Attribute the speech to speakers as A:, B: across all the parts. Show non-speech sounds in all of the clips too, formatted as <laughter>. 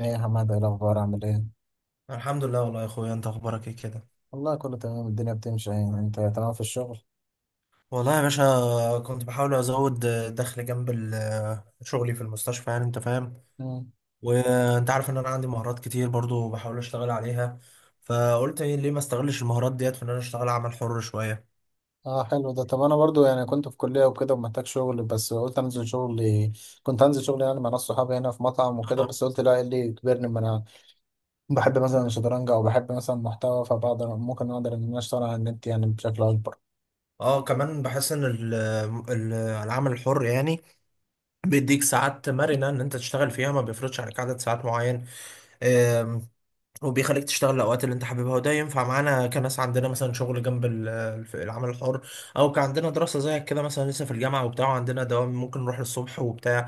A: ايه يا حماد، ايه الاخبار، عامل ايه؟
B: الحمد لله. والله يا اخويا، انت اخبارك ايه كده؟
A: والله كله تمام، الدنيا بتمشي يعني. انت تمام في الشغل؟
B: والله يا باشا، كنت بحاول ازود دخل جنب شغلي في المستشفى، يعني انت فاهم.
A: مم.
B: وانت عارف ان انا عندي مهارات كتير برضو، بحاول اشتغل عليها. فقلت إيه، ليه ما استغلش المهارات ديت في ان انا اشتغل عمل حر شوية.
A: اه، حلو ده. طب انا برضو يعني كنت في كلية وكده ومحتاج شغل، بس قلت انزل شغل، كنت انزل شغل يعني مع ناس صحابي هنا في مطعم
B: <laughs>
A: وكده،
B: اه.
A: بس قلت لا، إيه اللي يجبرني؟ ما انا بحب مثلا الشطرنج، او بحب مثلا محتوى، فبقدر ممكن اقدر ان انا اشتغل على النت يعني بشكل اكبر.
B: كمان بحس ان العمل الحر يعني بيديك ساعات مرنة ان انت تشتغل فيها، ما بيفرضش عليك عدد ساعات معين. وبيخليك تشتغل الاوقات اللي انت حاببها، وده ينفع معانا كناس عندنا مثلا شغل جنب العمل الحر، او كان عندنا دراسه زيك كده مثلا لسه في الجامعه وبتاع، وعندنا دوام ممكن نروح الصبح وبتاع.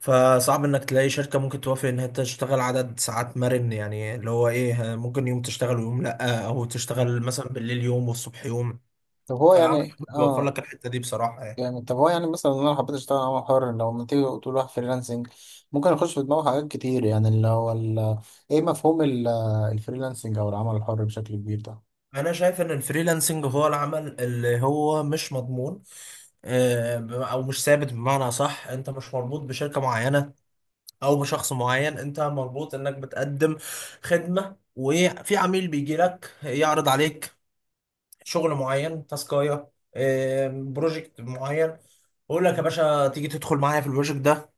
B: فصعب انك تلاقي شركه ممكن توافق ان انت تشتغل عدد ساعات مرن، يعني اللي هو ايه، ممكن يوم تشتغل ويوم لا، او تشتغل مثلا بالليل يوم والصبح يوم.
A: طب هو
B: فالعمل
A: يعني
B: الحر بيوفر لك الحته دي بصراحه يعني.
A: جامد. طب هو يعني مثلا لو انا حبيت اشتغل عمل حر، لو ما تيجي تقول واحد فريلانسنج، ممكن اخش في دماغه حاجات كتير يعني، اللي هو ايه، مفهوم الفريلانسنج او العمل الحر بشكل كبير ده؟
B: انا شايف ان الفريلانسنج هو العمل اللي هو مش مضمون، او مش ثابت، بمعنى صح، انت مش مربوط بشركه معينه او بشخص معين، انت مربوط انك بتقدم خدمه، وفي عميل بيجي لك يعرض عليك شغل معين، تاسكايه، بروجكت معين، يقول لك يا باشا، تيجي تدخل معايا في البروجكت ده،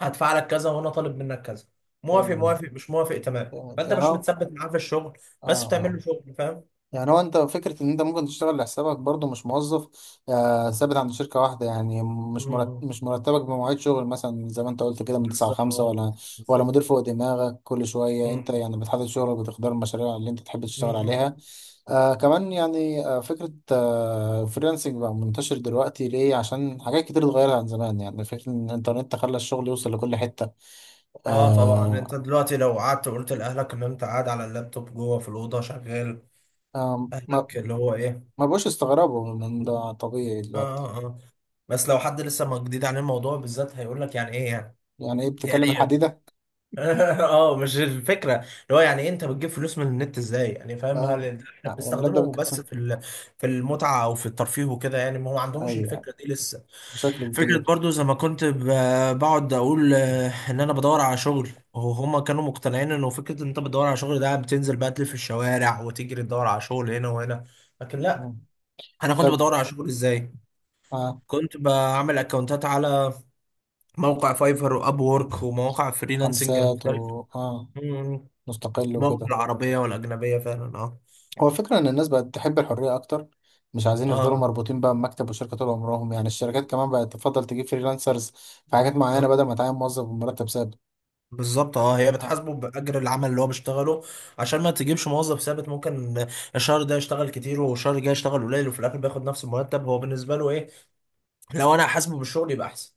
B: هدفع لك كذا وانا طالب منك كذا. موافق،
A: جامد،
B: موافق، مش موافق، تمام،
A: جامد
B: فانت
A: يعني
B: مش
A: هو.
B: متثبت معاه في الشغل.
A: اه
B: بس بتعمل
A: اه
B: له شغل، فاهم؟
A: يعني هو انت، فكرة ان انت ممكن تشتغل لحسابك برضو، مش موظف ثابت عند شركة واحدة يعني،
B: مم.
A: مش مرتبك بمواعيد شغل مثلا زي ما انت قلت كده من 9 ل 5،
B: بالظبط.
A: ولا
B: بالظبط.
A: مدير فوق دماغك كل شوية. انت
B: مم.
A: يعني بتحدد شغلك، بتختار المشاريع اللي انت تحب تشتغل
B: مم.
A: عليها. كمان يعني فكرة فريلانسنج بقى منتشر دلوقتي ليه؟ عشان حاجات كتير اتغيرت عن زمان، يعني فكرة ان الانترنت خلى الشغل يوصل لكل حتة.
B: اه طبعا،
A: آه
B: انت دلوقتي لو قعدت وقلت لاهلك ان انت قاعد على اللابتوب جوه في الاوضه شغال،
A: آه ما
B: اهلك اللي هو ايه،
A: ما بقوش استغربوا من ده، طبيعي
B: اه
A: دلوقتي.
B: اه اه. بس لو حد لسه ما جديد عن الموضوع بالذات هيقول لك يعني ايه يعني،
A: يعني ايه
B: يعني
A: بتكلم
B: ايه.
A: الحديدة؟
B: <laughs> اه، مش الفكره اللي هو يعني إيه، انت بتجيب فلوس من النت ازاي يعني، فاهم؟
A: اه
B: هل احنا
A: يعني لابدة
B: بنستخدمه
A: بك. <laughs>
B: بس في في المتعه او في الترفيه وكده يعني، ما هو ما عندهمش
A: ايوه،
B: الفكره دي لسه.
A: بشكل
B: فكره
A: كبير.
B: برضو زي ما كنت بقعد اقول، ان انا بدور على شغل، وهما كانوا مقتنعين انه فكره ان انت بتدور على شغل ده بتنزل بقى تلف في الشوارع وتجري تدور على شغل هنا وهنا. لكن لا،
A: مم.
B: انا كنت
A: طب
B: بدور على شغل ازاي؟
A: اه
B: كنت بعمل اكونتات على موقع فايفر واب وورك ومواقع فريلانسنج
A: خمسات و
B: المختلفة.
A: اه
B: مم.
A: مستقل
B: مواقع
A: وكده.
B: العربية والأجنبية فعلا. اه.
A: هو الفكرة ان الناس بقت تحب الحرية اكتر، مش عايزين يفضلوا
B: اه
A: مربوطين بقى بمكتب وشركة طول عمرهم. يعني الشركات كمان بقت تفضل تجيب فريلانسرز في حاجات معينة
B: آه.
A: بدل ما تعين موظف بمرتب ثابت.
B: بالظبط. اه، هي
A: اه
B: بتحاسبه بأجر العمل اللي هو بيشتغله. عشان ما تجيبش موظف ثابت، ممكن الشهر ده يشتغل كتير والشهر الجاي يشتغل قليل وفي الآخر بياخد نفس المرتب، هو بالنسبة له ايه؟ لو انا حاسبه بالشغل يبقى احسن.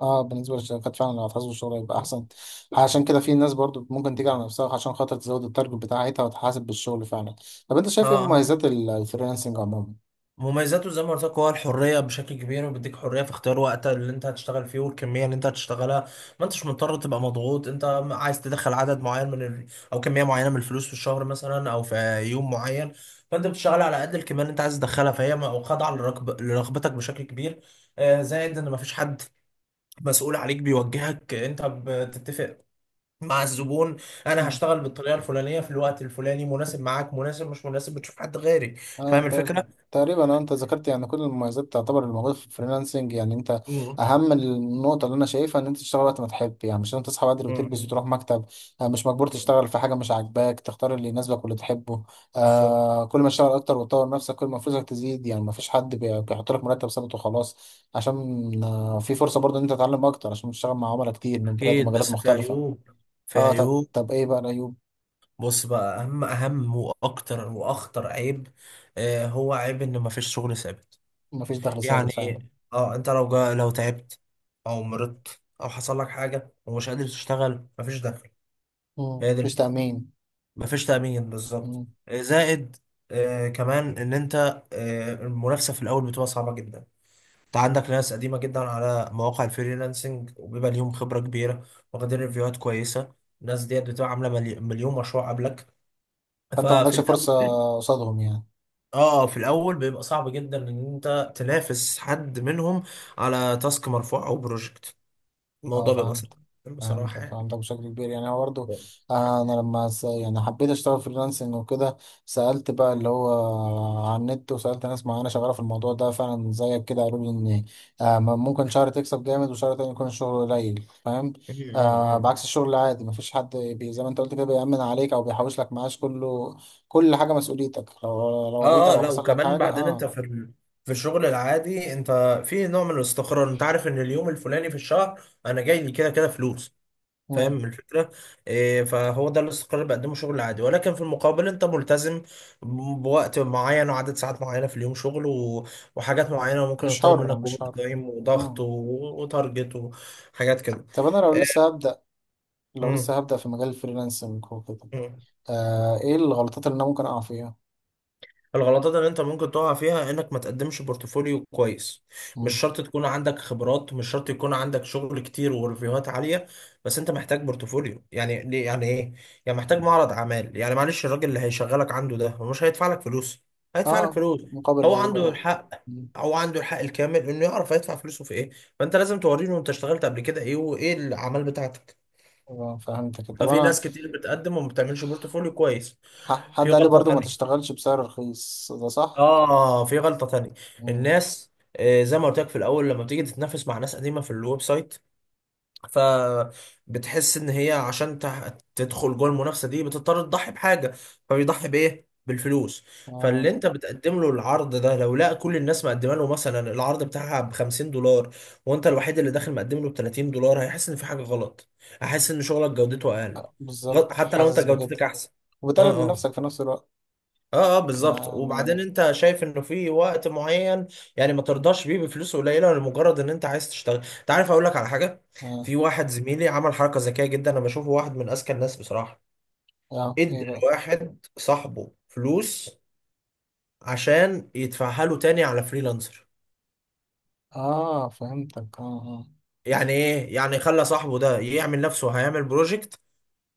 A: بالنسبة للشركات فعلا لو هتحاسبوا الشغل هيبقى أحسن. عشان كده في ناس برضو ممكن تيجي على نفسها عشان خاطر تزود التارجت بتاعتها وتحاسب بالشغل فعلا. طب أنت
B: اه
A: شايف إيه
B: اه.
A: مميزات الفريلانسنج عموما؟
B: مميزاته زي ما قلت لك هو الحريه بشكل كبير، وبيديك حريه في اختيار وقت اللي انت هتشتغل فيه والكميه اللي انت هتشتغلها. ما انتش مضطر تبقى مضغوط. انت عايز تدخل عدد معين من او كميه معينه من الفلوس في الشهر مثلا، او في يوم معين. فانت بتشتغل على قد الكميه اللي انت عايز تدخلها، فهي خاضعه لرغبتك بشكل كبير. زائد ان ما فيش حد مسؤول عليك بيوجهك، انت بتتفق مع الزبون، انا هشتغل بالطريقه الفلانيه في الوقت الفلاني، مناسب معاك؟ مناسب؟ مش مناسب بتشوف حد غيري.
A: اه
B: فاهم الفكره؟
A: تق- تقريبا. اه انت ذكرت يعني كل المميزات تعتبر الموجوده في الفريلانسنج يعني. انت، اهم النقطه اللي انا شايفها ان انت تشتغل وقت ما تحب، يعني مش لازم تصحى بدري وتلبس
B: مم.
A: وتروح مكتب. مش مجبور تشتغل في حاجه مش عاجباك، تختار اللي يناسبك واللي تحبه.
B: بالظبط.
A: كل ما تشتغل اكتر وتطور نفسك كل ما فلوسك تزيد، يعني ما فيش حد بيحط لك مرتب ثابت وخلاص، عشان في فرصه برضه ان انت تتعلم اكتر عشان تشتغل مع عملاء كتير من بلاد
B: اكيد،
A: ومجالات
B: بس في
A: مختلفه.
B: عيوب، في
A: اه، طب
B: عيوب.
A: ايه بقى العيوب؟
B: بص بقى، اهم اهم واكتر واخطر عيب، هو عيب ان مفيش شغل ثابت
A: ما فيش دخل ثابت
B: يعني.
A: فعلا.
B: اه، انت لو جا، لو تعبت او مرضت او حصل لك حاجه ومش قادر تشتغل، مفيش دخل.
A: مم.
B: هي دي
A: مفيش
B: الفكره،
A: تامين.
B: مفيش تامين بالظبط. زائد. كمان ان انت، المنافسه في الاول بتبقى صعبه جدا. انت عندك ناس قديمة جدا على مواقع الفريلانسنج وبيبقى ليهم خبرة كبيرة، واخدين ريفيوهات كويسة. الناس ديت بتبقى عاملة مليون مشروع قبلك،
A: فانت ما
B: ففي
A: عندكش
B: الأول،
A: فرصه قصادهم يعني.
B: اه، في الأول بيبقى صعب جدا إن أنت تنافس حد منهم على تاسك مرفوع أو بروجكت،
A: اه،
B: الموضوع بيبقى
A: فهمت.
B: صعب بصراحة
A: فهمتك
B: يعني.
A: فهمتك بشكل كبير يعني، هو برضه.
B: م-
A: انا لما يعني حبيت اشتغل فريلانسنج وكده، سالت بقى اللي هو على النت، وسالت ناس معينه شغاله في الموضوع ده فعلا زيك كده، قالوا لي ان ممكن شهر تكسب جامد وشهر تاني يكون الشغل قليل، فاهم؟
B: م-
A: بعكس
B: م.
A: الشغل العادي مفيش حد زي ما انت قلت كده بيأمن عليك او بيحوش لك معاش. كله، كل حاجه مسؤوليتك، لو وعيت
B: اه اه،
A: او
B: لا
A: حصل لك
B: وكمان
A: حاجه.
B: بعدين انت
A: اه
B: في في الشغل العادي انت في نوع من الاستقرار، انت عارف ان اليوم الفلاني في الشهر انا جاي لي كده كده فلوس، فاهم
A: مم.
B: الفكرة؟ إيه، فهو ده الاستقرار اللي بقدمه شغل عادي، ولكن في المقابل انت ملتزم بوقت معين وعدد ساعات معينة في اليوم شغل وحاجات معينة، وممكن
A: مش
B: يطلب
A: حر،
B: منك
A: مش
B: اوفر
A: حر.
B: تايم وضغط
A: مم.
B: وتارجت وحاجات كده.
A: طب انا لو
B: إيه.
A: لسه هبدأ،
B: مم.
A: في مجال الفريلانسنج وكده،
B: مم.
A: ايه الغلطات اللي انا ممكن اقع فيها؟
B: الغلطات اللي انت ممكن تقع فيها انك ما تقدمش بورتفوليو كويس. مش
A: مم.
B: شرط تكون عندك خبرات، مش شرط يكون عندك شغل كتير وريفيوهات عالية، بس انت محتاج بورتفوليو، يعني ليه؟ يعني ايه؟ يعني محتاج معرض اعمال يعني. معلش، الراجل اللي هيشغلك عنده ده، هو مش هيدفع لك فلوس؟ هيدفع لك
A: اه،
B: فلوس.
A: مقابل
B: هو
A: ايه
B: عنده
A: بقى؟
B: الحق،
A: مم.
B: هو عنده الحق الكامل انه يعرف هيدفع فلوسه في ايه. فانت لازم توريله انت اشتغلت قبل كده ايه وايه الاعمال بتاعتك.
A: فهمتك. طب
B: ففي
A: انا
B: ناس كتير بتقدم وما بتعملش بورتفوليو كويس. في
A: حد قال لي
B: غلطة
A: برضو ما
B: تانية.
A: تشتغلش بسعر رخيص، ده صح؟
B: اه، في غلطة تانية.
A: مم.
B: الناس زي ما قلت لك في الاول، لما بتيجي تتنافس مع ناس قديمة في الويب سايت، فبتحس ان هي عشان تدخل جوه المنافسة دي بتضطر تضحي بحاجة. فبيضحي بايه؟ بالفلوس. فاللي
A: اه
B: انت بتقدم له العرض ده، لو لقى كل الناس مقدمه له مثلا العرض بتاعها ب $50، وانت الوحيد اللي داخل مقدم له ب $30، هيحس ان في حاجة غلط، هيحس ان شغلك جودته اقل.
A: بالظبط،
B: حتى لو انت
A: حاسس بكده،
B: جودتك احسن. اه
A: وبتقلل من
B: آه.
A: نفسك في نفس الوقت
B: اه اه بالظبط. وبعدين
A: يعني.
B: انت شايف انه في وقت معين يعني ما ترضاش بيه بفلوس قليله لمجرد ان انت عايز تشتغل. انت عارف، اقول لك على حاجه،
A: اه, آه.
B: في واحد زميلي عمل حركه ذكيه جدا، انا بشوفه واحد من اذكى الناس بصراحه.
A: ايه
B: ادى
A: بقى؟
B: لواحد صاحبه فلوس عشان يدفعها له تاني على فريلانسر.
A: اه، فهمتك. اه،
B: يعني ايه يعني؟ خلى صاحبه ده يعمل نفسه هيعمل بروجكت،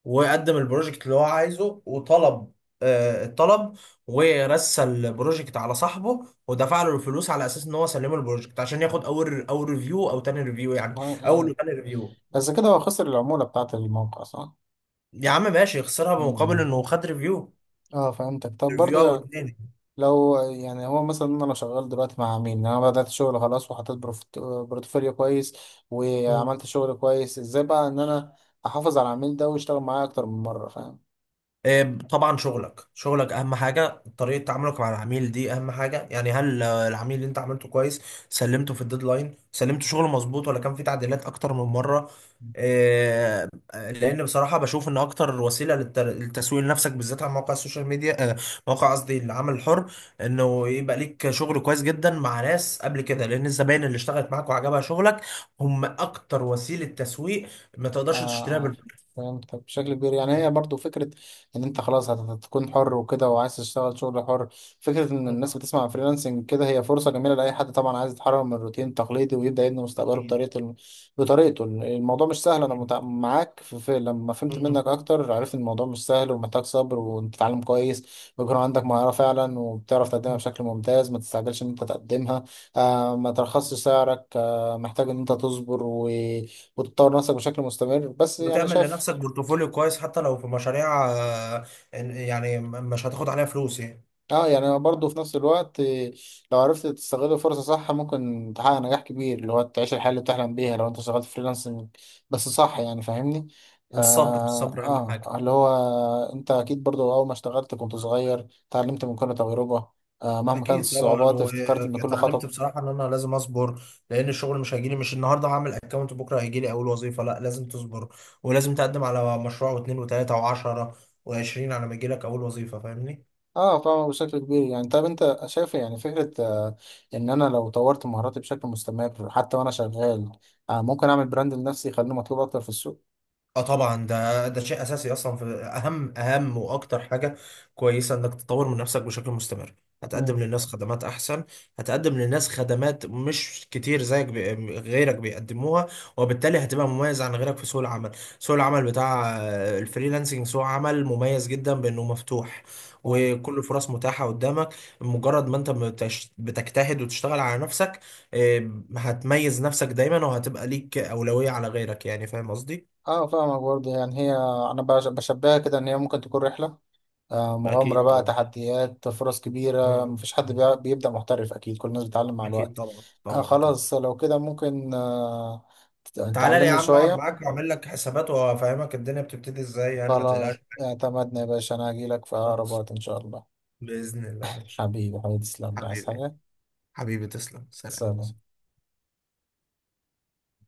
B: وقدم البروجكت اللي هو عايزه وطلب، الطلب، ورسى البروجكت على صاحبه، ودفع له الفلوس على اساس ان هو سلمه البروجكت عشان ياخد اول، اول ريفيو او تاني ريفيو يعني،
A: اه, آه.
B: اول
A: إيه.
B: وتاني ريفيو.
A: بس كده هو خسر العمولة بتاعت الموقع، صح؟
B: يا عم، ماشي، يخسرها بمقابل
A: مم.
B: انه خد ريفيو.
A: اه، فهمتك. طب
B: ريفيو او
A: برضو
B: اتنين.
A: لو يعني هو مثلا، انا لو شغال دلوقتي مع مين؟ انا بدأت شغل خلاص وحطيت بورتفوليو كويس، وعملت شغل كويس، ازاي بقى ان انا احافظ على العميل ده ويشتغل معايا اكتر من مرة، فاهم؟
B: آه، طبعا، شغلك، شغلك اهم حاجه، طريقه تعاملك مع العميل دي اهم حاجه، يعني هل العميل اللي انت عملته كويس، سلمته في الديدلاين، سلمته شغله مظبوط، ولا كان في تعديلات اكتر من مره؟ آه، لان بصراحه بشوف ان اكتر وسيله للتسويق لنفسك بالذات على مواقع السوشيال ميديا، مواقع، قصدي العمل الحر، انه يبقى ليك شغل كويس جدا مع ناس قبل كده، لان الزباين اللي اشتغلت معاك وعجبها شغلك هم اكتر وسيله تسويق ما تقدرش تشتريها
A: اه،
B: بالفلوس.
A: فهمت بشكل كبير يعني. هي برضو فكرة ان انت خلاص هتكون حر وكده وعايز تشتغل شغل حر. فكرة ان الناس بتسمع فريلانسنج كده، هي فرصة جميلة لأي حد طبعا عايز يتحرر من الروتين التقليدي ويبدأ يبني مستقبله بطريقته. الموضوع مش سهل، انا معاك في لما فهمت
B: أكيد،
A: منك اكتر، عرفت ان الموضوع مش سهل ومحتاج صبر وتتعلم كويس، ويكون عندك مهارة فعلا وبتعرف تقدمها بشكل ممتاز، ما تستعجلش ان انت تقدمها، ما ترخصش سعرك، محتاج ان انت تصبر وتطور نفسك بشكل مستمر. بس يعني
B: وتعمل
A: شايف
B: لنفسك بورتفوليو كويس حتى لو في مشاريع، يعني مش هتاخد عليها فلوس يعني.
A: اه، يعني برضه في نفس الوقت، لو عرفت تستغل الفرصة صح ممكن تحقق نجاح كبير، اللي هو تعيش الحياة اللي بتحلم بيها لو انت شغال فريلانسنج بس صح، يعني فاهمني؟
B: والصبر،
A: آه,
B: الصبر اهم حاجه.
A: اه، اللي هو انت اكيد برضه اول ما اشتغلت كنت صغير، اتعلمت من كل تجربة، مهما كانت
B: اكيد طبعا،
A: الصعوبات، افتكرت ان كل
B: واتعلمت
A: خطوة.
B: بصراحه ان انا لازم اصبر، لان الشغل مش هيجيلي، مش النهارده هعمل اكونت بكره هيجيلي اول وظيفه، لا لازم تصبر. ولازم تقدم على مشروع واثنين وثلاثه وعشرة وعشرين على ما يجيلك اول وظيفه، فاهمني؟
A: اه طبعا، بشكل كبير يعني. طب انت شايف يعني فكرة، ان انا لو طورت مهاراتي بشكل مستمر حتى وانا شغال، ممكن اعمل براند لنفسي يخليني مطلوب اكتر في السوق.
B: اه طبعا، ده شيء اساسي اصلا، في اهم اهم واكتر حاجه كويسه انك تطور من نفسك بشكل مستمر.
A: مم.
B: هتقدم للناس خدمات احسن، هتقدم للناس خدمات مش كتير غيرك بيقدموها، وبالتالي هتبقى مميز عن غيرك في سوق العمل. سوق العمل بتاع الفريلانسنج سوق عمل مميز جدا بانه مفتوح،
A: اه
B: وكل الفرص متاحه قدامك. مجرد ما انت بتجتهد وتشتغل على نفسك، آه، هتميز نفسك دايما، وهتبقى ليك اولويه على غيرك، يعني فاهم قصدي؟
A: اه، فاهمك برضه يعني. هي، انا بشبهها كده ان هي ممكن تكون رحلة، مغامرة
B: اكيد
A: بقى،
B: طبعا.
A: تحديات، فرص
B: مم.
A: كبيرة. مفيش حد
B: مم.
A: بيبدأ محترف، اكيد كل الناس بتتعلم مع
B: اكيد
A: الوقت.
B: طبعا طبعا طبعا.
A: خلاص لو كده ممكن
B: تعالى لي يا
A: تعلمني
B: عم اقعد
A: شوية؟
B: معاك واعمل لك حسابات وافهمك الدنيا بتبتدي ازاي يعني. ما
A: خلاص اعتمدنا يا باشا، انا هجيلك في اقرب
B: تقلقش،
A: وقت ان شاء الله.
B: باذن الله، ماشي.
A: حبيبي حبيبي تسلم، عايز
B: حبيبي،
A: حاجة؟
B: حبيبي، تسلم، سلام.
A: سلام.